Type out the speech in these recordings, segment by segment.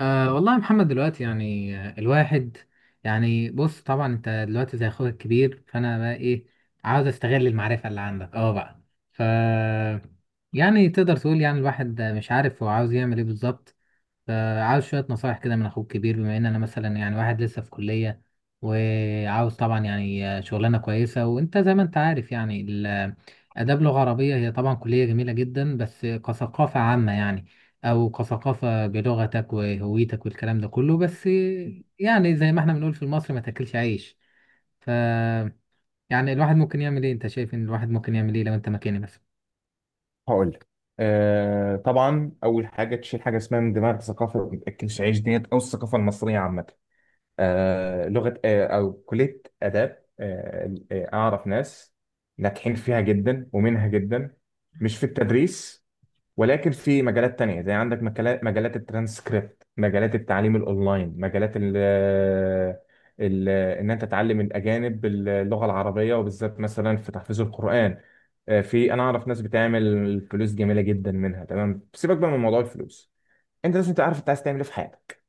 أه والله يا محمد دلوقتي يعني الواحد يعني بص طبعا انت دلوقتي زي اخوك الكبير، فانا بقى ايه، عاوز استغل المعرفة اللي عندك بقى. ف يعني تقدر تقول يعني الواحد مش عارف هو عاوز يعمل ايه بالظبط، فعاوز شوية نصايح كده من أخوك الكبير، بما إن أنا مثلا يعني واحد لسه في كلية وعاوز طبعا يعني شغلانة كويسة، وأنت زي ما أنت عارف يعني آداب لغة عربية هي طبعا كلية جميلة جدا، بس كثقافة عامة يعني، أو كثقافة بلغتك وهويتك والكلام ده كله، بس يعني زي ما إحنا بنقول في مصر، ما تاكلش عيش. ف يعني الواحد ممكن يعمل إيه؟ أنت شايف إن الواحد ممكن يعمل إيه لو أنت مكاني مثلا؟ هقول لك. طبعا اول حاجه تشيل حاجه اسمها من دماغ الثقافه الكلشعيش ديت او الثقافه المصريه عامه. لغه او كليه اداب اعرف ناس ناجحين فيها جدا ومنها جدا، مش في التدريس، ولكن في مجالات تانية. زي عندك مجالات الترانسكريبت، مجالات التعليم الاونلاين، مجالات ال ال ان انت تعلم الاجانب اللغه العربيه وبالذات مثلا في تحفيظ القران. آه، في انا اعرف ناس بتعمل فلوس جميله جدا منها. تمام، سيبك بقى من موضوع الفلوس. انت لازم تعرف انت عايز تعمل ايه في حياتك.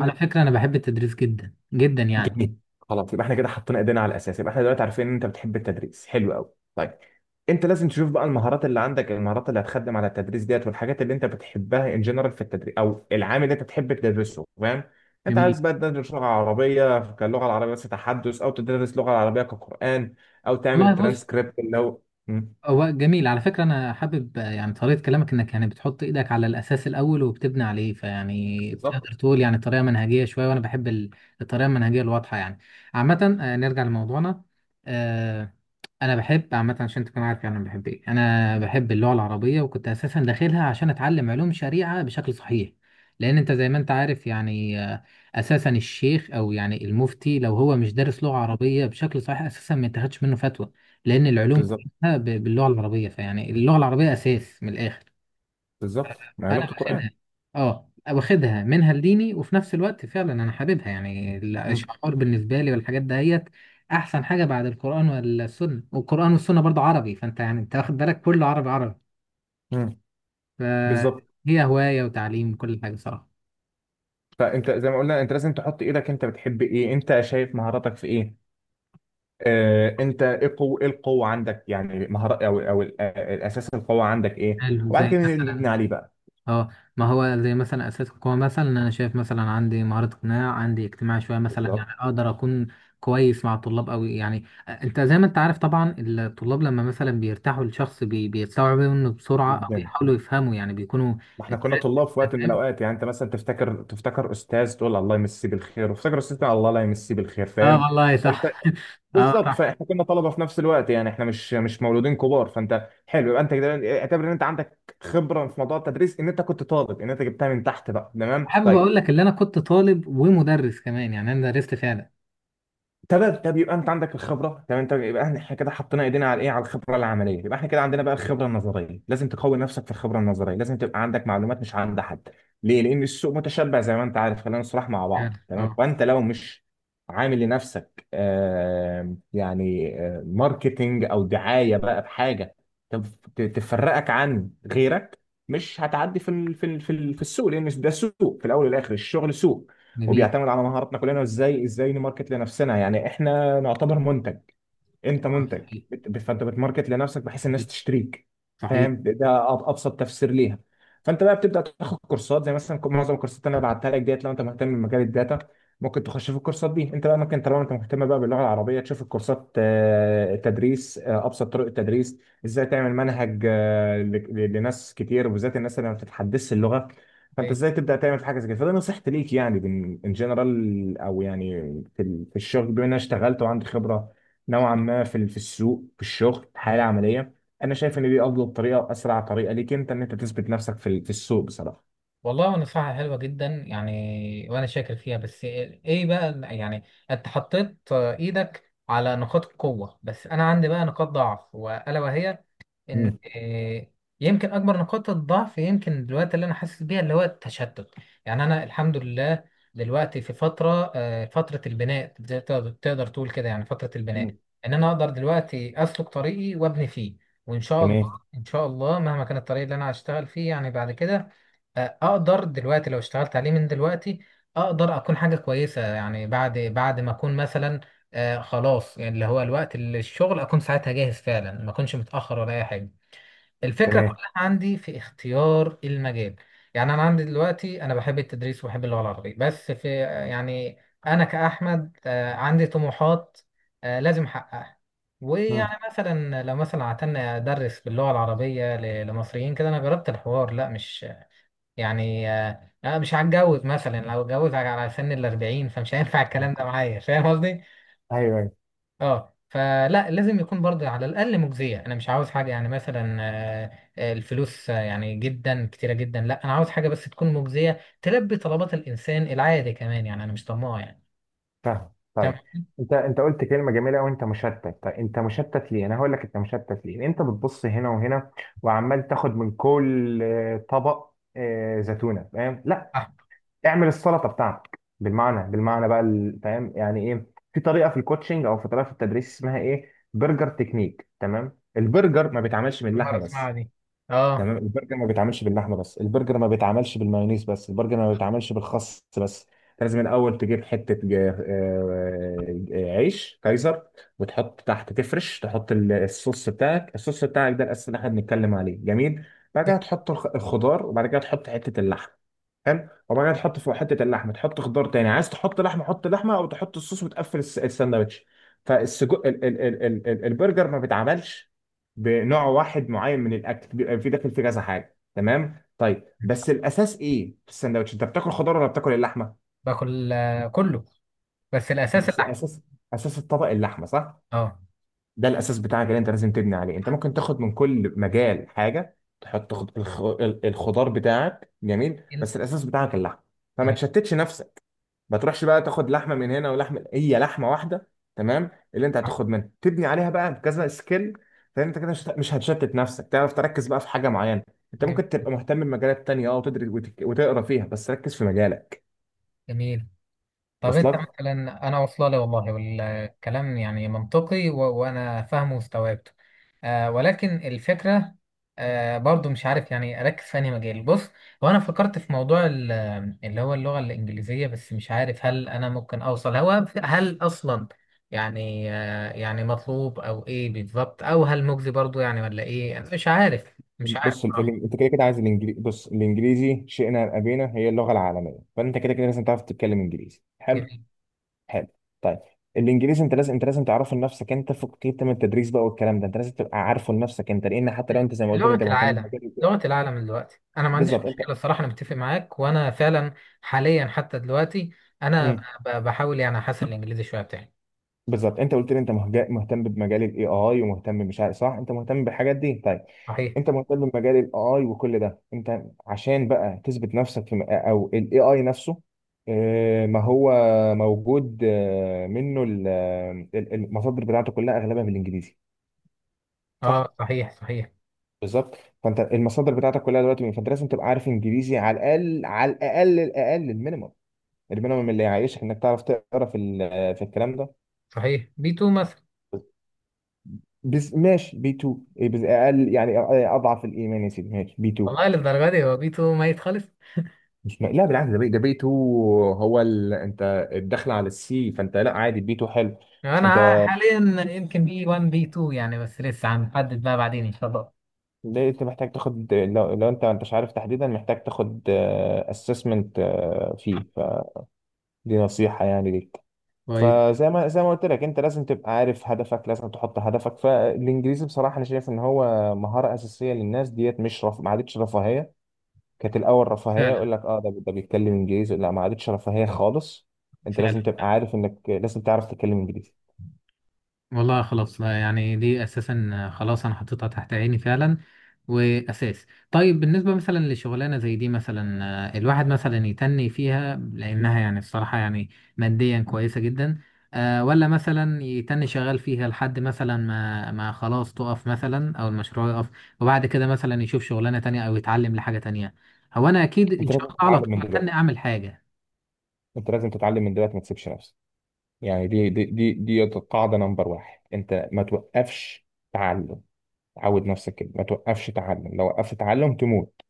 على فكرة أنا بحب التدريس جدا جدا يعني. جميل، خلاص يبقى احنا كده حطينا ايدينا على الاساس. يبقى احنا دلوقتي عارفين ان انت بتحب التدريس. حلو قوي. طيب، انت لازم تشوف بقى المهارات اللي عندك، المهارات اللي هتخدم على التدريس ديت، والحاجات اللي انت بتحبها ان جنرال في التدريس او العام اللي انت بتحب تدرسه. فاهم؟ انت جميل. عايز بقى تدرس لغه عربيه كاللغه العربيه بس تحدث، او تدرس لغه عربيه كقران، او تعمل والله بص. الترانسكريبت اللي هو. مم. هو جميل، على فكرة أنا حابب يعني طريقة كلامك، إنك يعني بتحط إيدك على الأساس الأول وبتبني عليه، فيعني بالظبط تقدر تقول يعني طريقة منهجية شوية، وأنا بحب الطريقة المنهجية الواضحة يعني. عامة نرجع لموضوعنا. آه، انا بحب عامه عشان تكون عارف يعني انا بحب ايه، انا بحب اللغه العربيه، وكنت اساسا داخلها عشان اتعلم علوم شريعه بشكل صحيح، لان انت زي ما انت عارف يعني اساسا الشيخ او يعني المفتي لو هو مش دارس لغه عربيه بشكل صحيح اساسا ما يتاخدش منه فتوى، لان العلوم بالظبط كلها باللغه العربيه، فيعني اللغه العربيه اساس من الاخر. بالظبط، ما هي لغه انا القران. واخدها منها لديني، وفي نفس الوقت فعلا انا حاببها، يعني مم. الاشعار بالنسبه لي والحاجات دهيت احسن حاجه بعد القران والسنه، والقران والسنه برضه عربي، فانت يعني انت واخد بالك، كله عربي عربي، مم. بالظبط. فهي هوايه وتعليم وكل حاجه صراحه. فانت زي ما قلنا انت لازم تحط ايدك. انت بتحب ايه؟ انت شايف مهاراتك في ايه؟ انت ايه القوه؟ ايه القوه عندك؟ يعني مهارات او الاساس القوه عندك ايه حلو، وبعد زي كده نبني مثلا عليه بقى. اه ما هو زي مثلا اساس القوه، مثلا انا شايف مثلا عندي مهاره اقناع، عندي اجتماعي شويه مثلا، بالظبط يعني اقدر اكون كويس مع الطلاب قوي، يعني انت زي ما انت عارف طبعا الطلاب لما مثلا بيرتاحوا لشخص بيستوعبوا منه بسرعه او جدا. بيحاولوا يفهموا، يعني بيكونوا ما احنا أنت كنا طلاب في وقت من فاهم. الاوقات. يعني انت مثلا تفتكر استاذ تقول الله يمسيه بالخير، وتفتكر استاذ تقول الله لا يمسيه بالخير. اه فاهم؟ والله فانت صح اه بالظبط، صح. فاحنا كنا طلبه في نفس الوقت. يعني احنا مش مولودين كبار. فانت حلو، يبقى انت كده اعتبر ان انت عندك خبره في موضوع التدريس، ان انت كنت طالب، ان انت جبتها من تحت بقى. تمام، حابب طيب. اقول لك ان انا كنت طالب ومدرس كمان، يعني انا درست فعلا. تمام، طب يبقى انت عندك الخبره. تمام، طب يبقى احنا كده حطينا ايدينا على ايه؟ على الخبره العمليه. يبقى احنا كده عندنا بقى الخبره النظريه. لازم تقوي نفسك في الخبره النظريه، لازم تبقى عندك معلومات مش عند حد. ليه؟ لان السوق متشبع زي ما انت عارف، خلينا نصرح مع فعلا. بعض. تمام، اه. فانت لو مش عامل لنفسك ماركتينج او دعايه بقى بحاجه تفرقك عن غيرك، مش هتعدي في السوق. لان ده سوق، في الاول والاخر الشغل سوق، جميل. وبيعتمد على مهاراتنا كلنا وازاي نماركت لنفسنا. يعني احنا نعتبر منتج. انت آه، منتج، صحيح فانت بتماركت لنفسك بحيث الناس صحيح تشتريك. فاهم؟ ابسط تفسير ليها. فانت بقى بتبدا تاخد كورسات، زي مثلا معظم الكورسات اللي انا بعتها لك ديت لو انت مهتم بمجال الداتا ممكن تخش في الكورسات دي. انت بقى ممكن طالما انت مهتم بقى باللغه العربيه تشوف الكورسات. تدريس، ابسط طرق التدريس، ازاي تعمل منهج لناس كتير وبالذات الناس اللي ما بتتحدثش اللغه. فانت صحيح. ازاي تبدا تعمل في حاجه زي كده. فده نصيحتي ليك يعني ان جنرال. او يعني في الشغل، بما ان انا اشتغلت وعندي خبره نوعا ما في السوق في الشغل حالة عملية، انا شايف ان دي افضل طريقة، اسرع طريقة ليك انت ان انت تثبت نفسك في السوق بصراحة. والله نصيحة حلوة جدا يعني، وأنا شاكر فيها، بس إيه إيه بقى يعني؟ أنت حطيت إيدك على نقاط القوة، بس أنا عندي بقى نقاط ضعف، وألا وهي ان مم. يمكن اكبر نقاط الضعف يمكن دلوقتي اللي انا حاسس بيها اللي هو التشتت. يعني انا الحمد لله دلوقتي في فتره فتره البناء، زي تقدر تقول كده، يعني فتره البناء، مم. ان انا اقدر دلوقتي اسلك طريقي وابني فيه، وان شاء الله تمام. ان شاء الله مهما كان الطريق اللي انا هشتغل فيه يعني بعد كده اقدر دلوقتي لو اشتغلت عليه من دلوقتي اقدر اكون حاجه كويسه، يعني بعد ما اكون مثلا خلاص، يعني اللي هو الوقت اللي الشغل اكون ساعتها جاهز فعلا، ما اكونش متاخر ولا اي حاجه. الفكرة تمام. كلها عندي في اختيار المجال. يعني أنا عندي دلوقتي، أنا بحب التدريس وبحب اللغة العربية بس في يعني، أنا كأحمد عندي طموحات لازم أحققها، مم. ويعني مثلا لو مثلا عتلنا أدرس باللغة العربية لمصريين كده، أنا جربت الحوار لا مش يعني أنا مش هتجوز مثلا، لو اتجوز على سن الأربعين فمش هينفع الكلام ده معايا، فاهم. ايوه، ايوه. اه فلا لازم يكون برضه على الاقل مجزيه، انا مش عاوز حاجه يعني مثلا الفلوس يعني جدا كتيره جدا لا، انا عاوز حاجه بس تكون مجزيه، تلبي طلبات الانسان العادي كمان، يعني انا مش طماع يعني. فاهم. فاهم طيب، قصدي؟ انت قلت كلمه جميله قوي، انت مشتت. طيب انت مشتت ليه؟ انا هقول لك انت مشتت ليه. انت بتبص هنا وهنا، وعمال تاخد من كل طبق، زيتونه. فاهم؟ لا، اه. اعمل السلطه بتاعتك بالمعنى، فاهم يعني ايه. في طريقه في الكوتشنج، او في طريقه في التدريس، اسمها ايه؟ برجر تكنيك. تمام؟ البرجر ما بيتعملش من كل مره اللحمه اسمعها بس. دي. اه. تمام؟ البرجر ما بيتعملش باللحمه بس، البرجر ما بيتعملش بالمايونيز بس، البرجر ما بيتعملش بالخس بس. أنت لازم الاول تجيب حته عيش كايزر، وتحط تحت، تفرش، تحط الصوص بتاعك. الصوص بتاعك ده الاساس اللي احنا بنتكلم عليه. جميل، بعد كده جداً. تحط الخضار، وبعد كده تحط حته اللحم. حلو، وبعد كده تحط فوق حته اللحمه تحط خضار تاني، عايز تحط لحمه حط لحمه، او تحط الصوص وتقفل الساندوتش. فالسجق ال ال ال ال ال البرجر ما بيتعملش بنوع واحد معين من الاكل، بيبقى في داخل فيه كذا حاجه. تمام؟ طيب بس الاساس ايه في الساندوتش؟ انت بتاكل خضار ولا بتاكل اللحمه؟ باكل كله، بس الاساس بس اللحم. اساس، اساس الطبق اللحمه، صح؟ اه. ده الاساس بتاعك اللي انت لازم تبني عليه. انت ممكن تاخد من كل مجال حاجه، تحط الخضار بتاعك، جميل، جميل. بس الاساس بتاعك اللحمه. فما جميل. تشتتش نفسك. ما تروحش بقى تاخد لحمه من هنا ولحمه، هي لحمه واحده، تمام؟ اللي انت آه، هتاخد منها تبني عليها بقى كذا سكيل. فانت كده مش هتشتت نفسك، تعرف تركز بقى في حاجه معينه. انت جميل. ممكن تبقى مهتم بمجالات تانية، اه وتدرس وتقرا فيها، بس ركز في مجالك. جميل. طب انت وصلك؟ مثلا، انا واصله لي والله، والكلام يعني منطقي وانا فاهمه واستوعبته، ولكن الفكره برضو مش عارف يعني اركز في انهي مجال. بص، هو انا فكرت في موضوع اللي هو اللغه الانجليزيه، بس مش عارف هل انا ممكن اوصل هل اصلا يعني يعني مطلوب او ايه بالظبط، او هل مجزي برضو يعني، ولا ايه؟ انا مش عارف مش عارف بص صراحه. انت كده كده عايز الانجليزي. بص، الانجليزي شئنا ام ابينا هي اللغه العالميه، فانت كده كده لازم تعرف تتكلم انجليزي. حلو؟ جميل. حلو. طيب، الانجليزي انت لازم تعرفه لنفسك انت، فوق كده من التدريس بقى والكلام ده. انت لازم تبقى عارفه لنفسك انت، لان حتى لو انت زي ما قلت لي لغة انت مهتم العالم. بالمجال لغة العالم دلوقتي أنا ما عنديش بالظبط. انت مشكلة، الصراحة أنا متفق معاك، وأنا فعلا حاليا حتى دلوقتي أنا امم بحاول يعني أحسن الإنجليزي شوية بتاعي. بالظبط انت قلت لي انت مهتم بمجال الاي اي، ومهتم، مش عارف، صح؟ انت مهتم بالحاجات دي. طيب، صحيح. انت مهتم بمجال الاي اي وكل ده. انت عشان بقى تثبت نفسك او الاي اي نفسه، ما هو موجود المصادر بتاعته كلها اغلبها بالانجليزي. صح؟ أه صحيح صحيح. بالظبط. فانت المصادر بتاعتك كلها دلوقتي، فانت لازم تبقى عارف انجليزي على الاقل، الاقل المينيمم. المينيمم اللي يعيشك، انك تعرف تقرا في الكلام ده. صحيح، بي 2 مثلا. بس ماشي، بي B2 إيه بس؟ اقل يعني، أ- اضعف الايمان يا سيدي، ماشي بي B2. والله للدرجة دي؟ هو بي 2 ميت خالص. مش م... لا بالعكس، ده بي، B2 هو انت الدخل على السي، فانت لا عادي بي B2 حلو. انت أنا حاليا يمكن بي 1 بي 2 يعني، بس لسه هنحدد بقى بعدين إن شاء الله. ليه انت محتاج تاخد، لو انت مش عارف تحديدا، محتاج تاخد اسسمنت فيه، فدي نصيحة يعني ليك. طيب. فزي ما زي ما قلت لك، انت لازم تبقى عارف هدفك، لازم تحط هدفك. فالانجليزي بصراحة انا شايف ان هو مهارة اساسية للناس ديت، مش ما عادتش رفاهية. كانت الاول رفاهيه، فعلا يقول لك اه ده ده بيتكلم انجليزي. لا، ما عادتش رفاهيه خالص. انت فعلا. لازم تبقى عارف انك لازم تعرف تتكلم انجليزي. والله خلاص لا، يعني دي اساسا خلاص انا حطيتها تحت عيني فعلا. واساس. طيب، بالنسبه مثلا لشغلانه زي دي مثلا الواحد مثلا يتني فيها لانها يعني الصراحه يعني ماديا كويسه جدا ولا مثلا يتني شغال فيها لحد مثلا ما خلاص تقف مثلا او المشروع يقف، وبعد كده مثلا يشوف شغلانه تانية او يتعلم لحاجه تانية. هو انا اكيد ان انت شاء لازم الله على تتعلم من طول دلوقتي. هتني اعمل حاجه. ما تسيبش نفسك. يعني دي قاعده نمبر واحد، انت ما توقفش تعلم. عود نفسك كده، ما توقفش تعلم، لو وقفت تعلم تموت.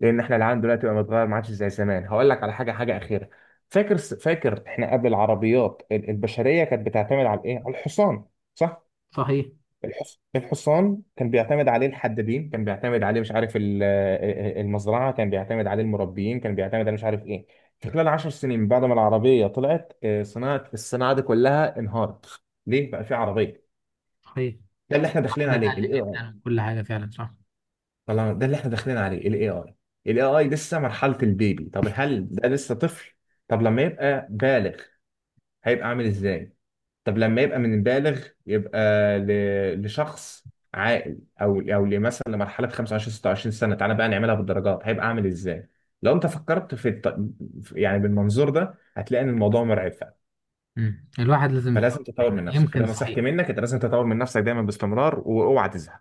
لان احنا العالم دلوقتي بقى متغير، ما عادش زي زمان. هقول لك على حاجه، حاجه اخيره. فاكر احنا قبل العربيات البشريه كانت بتعتمد على ايه؟ على الحصان. صح؟ صحيح. الحصان كان بيعتمد عليه الحدادين، كان بيعتمد عليه مش عارف المزرعة، كان بيعتمد عليه المربيين، كان بيعتمد عليه مش عارف ايه. في خلال 10 سنين بعد ما العربية طلعت، آه، صناعة الصناعة دي كلها انهارت. ليه بقى؟ في عربية. صحيح. ده اللي احنا داخلين ده عليه قل الاي اي. جدا وكل حاجه فعلا صح. طبعا، ده اللي احنا داخلين عليه الاي اي. الاي اي لسه مرحلة البيبي. طب هل ده لسه طفل؟ طب لما يبقى بالغ هيبقى عامل ازاي؟ طب لما يبقى من البالغ يبقى لشخص عاقل، او او مثلا لمرحله 25 26 سنه، تعالى بقى نعملها بالدرجات، هيبقى عامل ازاي؟ لو انت فكرت يعني بالمنظور ده هتلاقي ان الموضوع مرعب فعلا. مم. الواحد لازم فلازم يتطور تطور دايما، من نفسك. يمكن فده نصيحتي صحيح. منك، انت لازم تطور من نفسك دايما باستمرار، واوعى تزهق.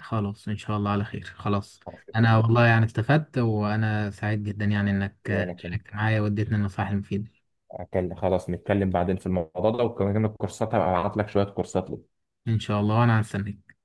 خلاص ان شاء الله على خير. خلاص. عارف انا الكلام. والله يعني استفدت، وانا سعيد جدا يعني وانا انك كنت شاركت معايا واديتني النصائح المفيدة. خلاص نتكلم بعدين في الموضوع ده، وكمان الكورسات هبقى ابعت لك شويه كورسات. ان شاء الله، وانا هستناك.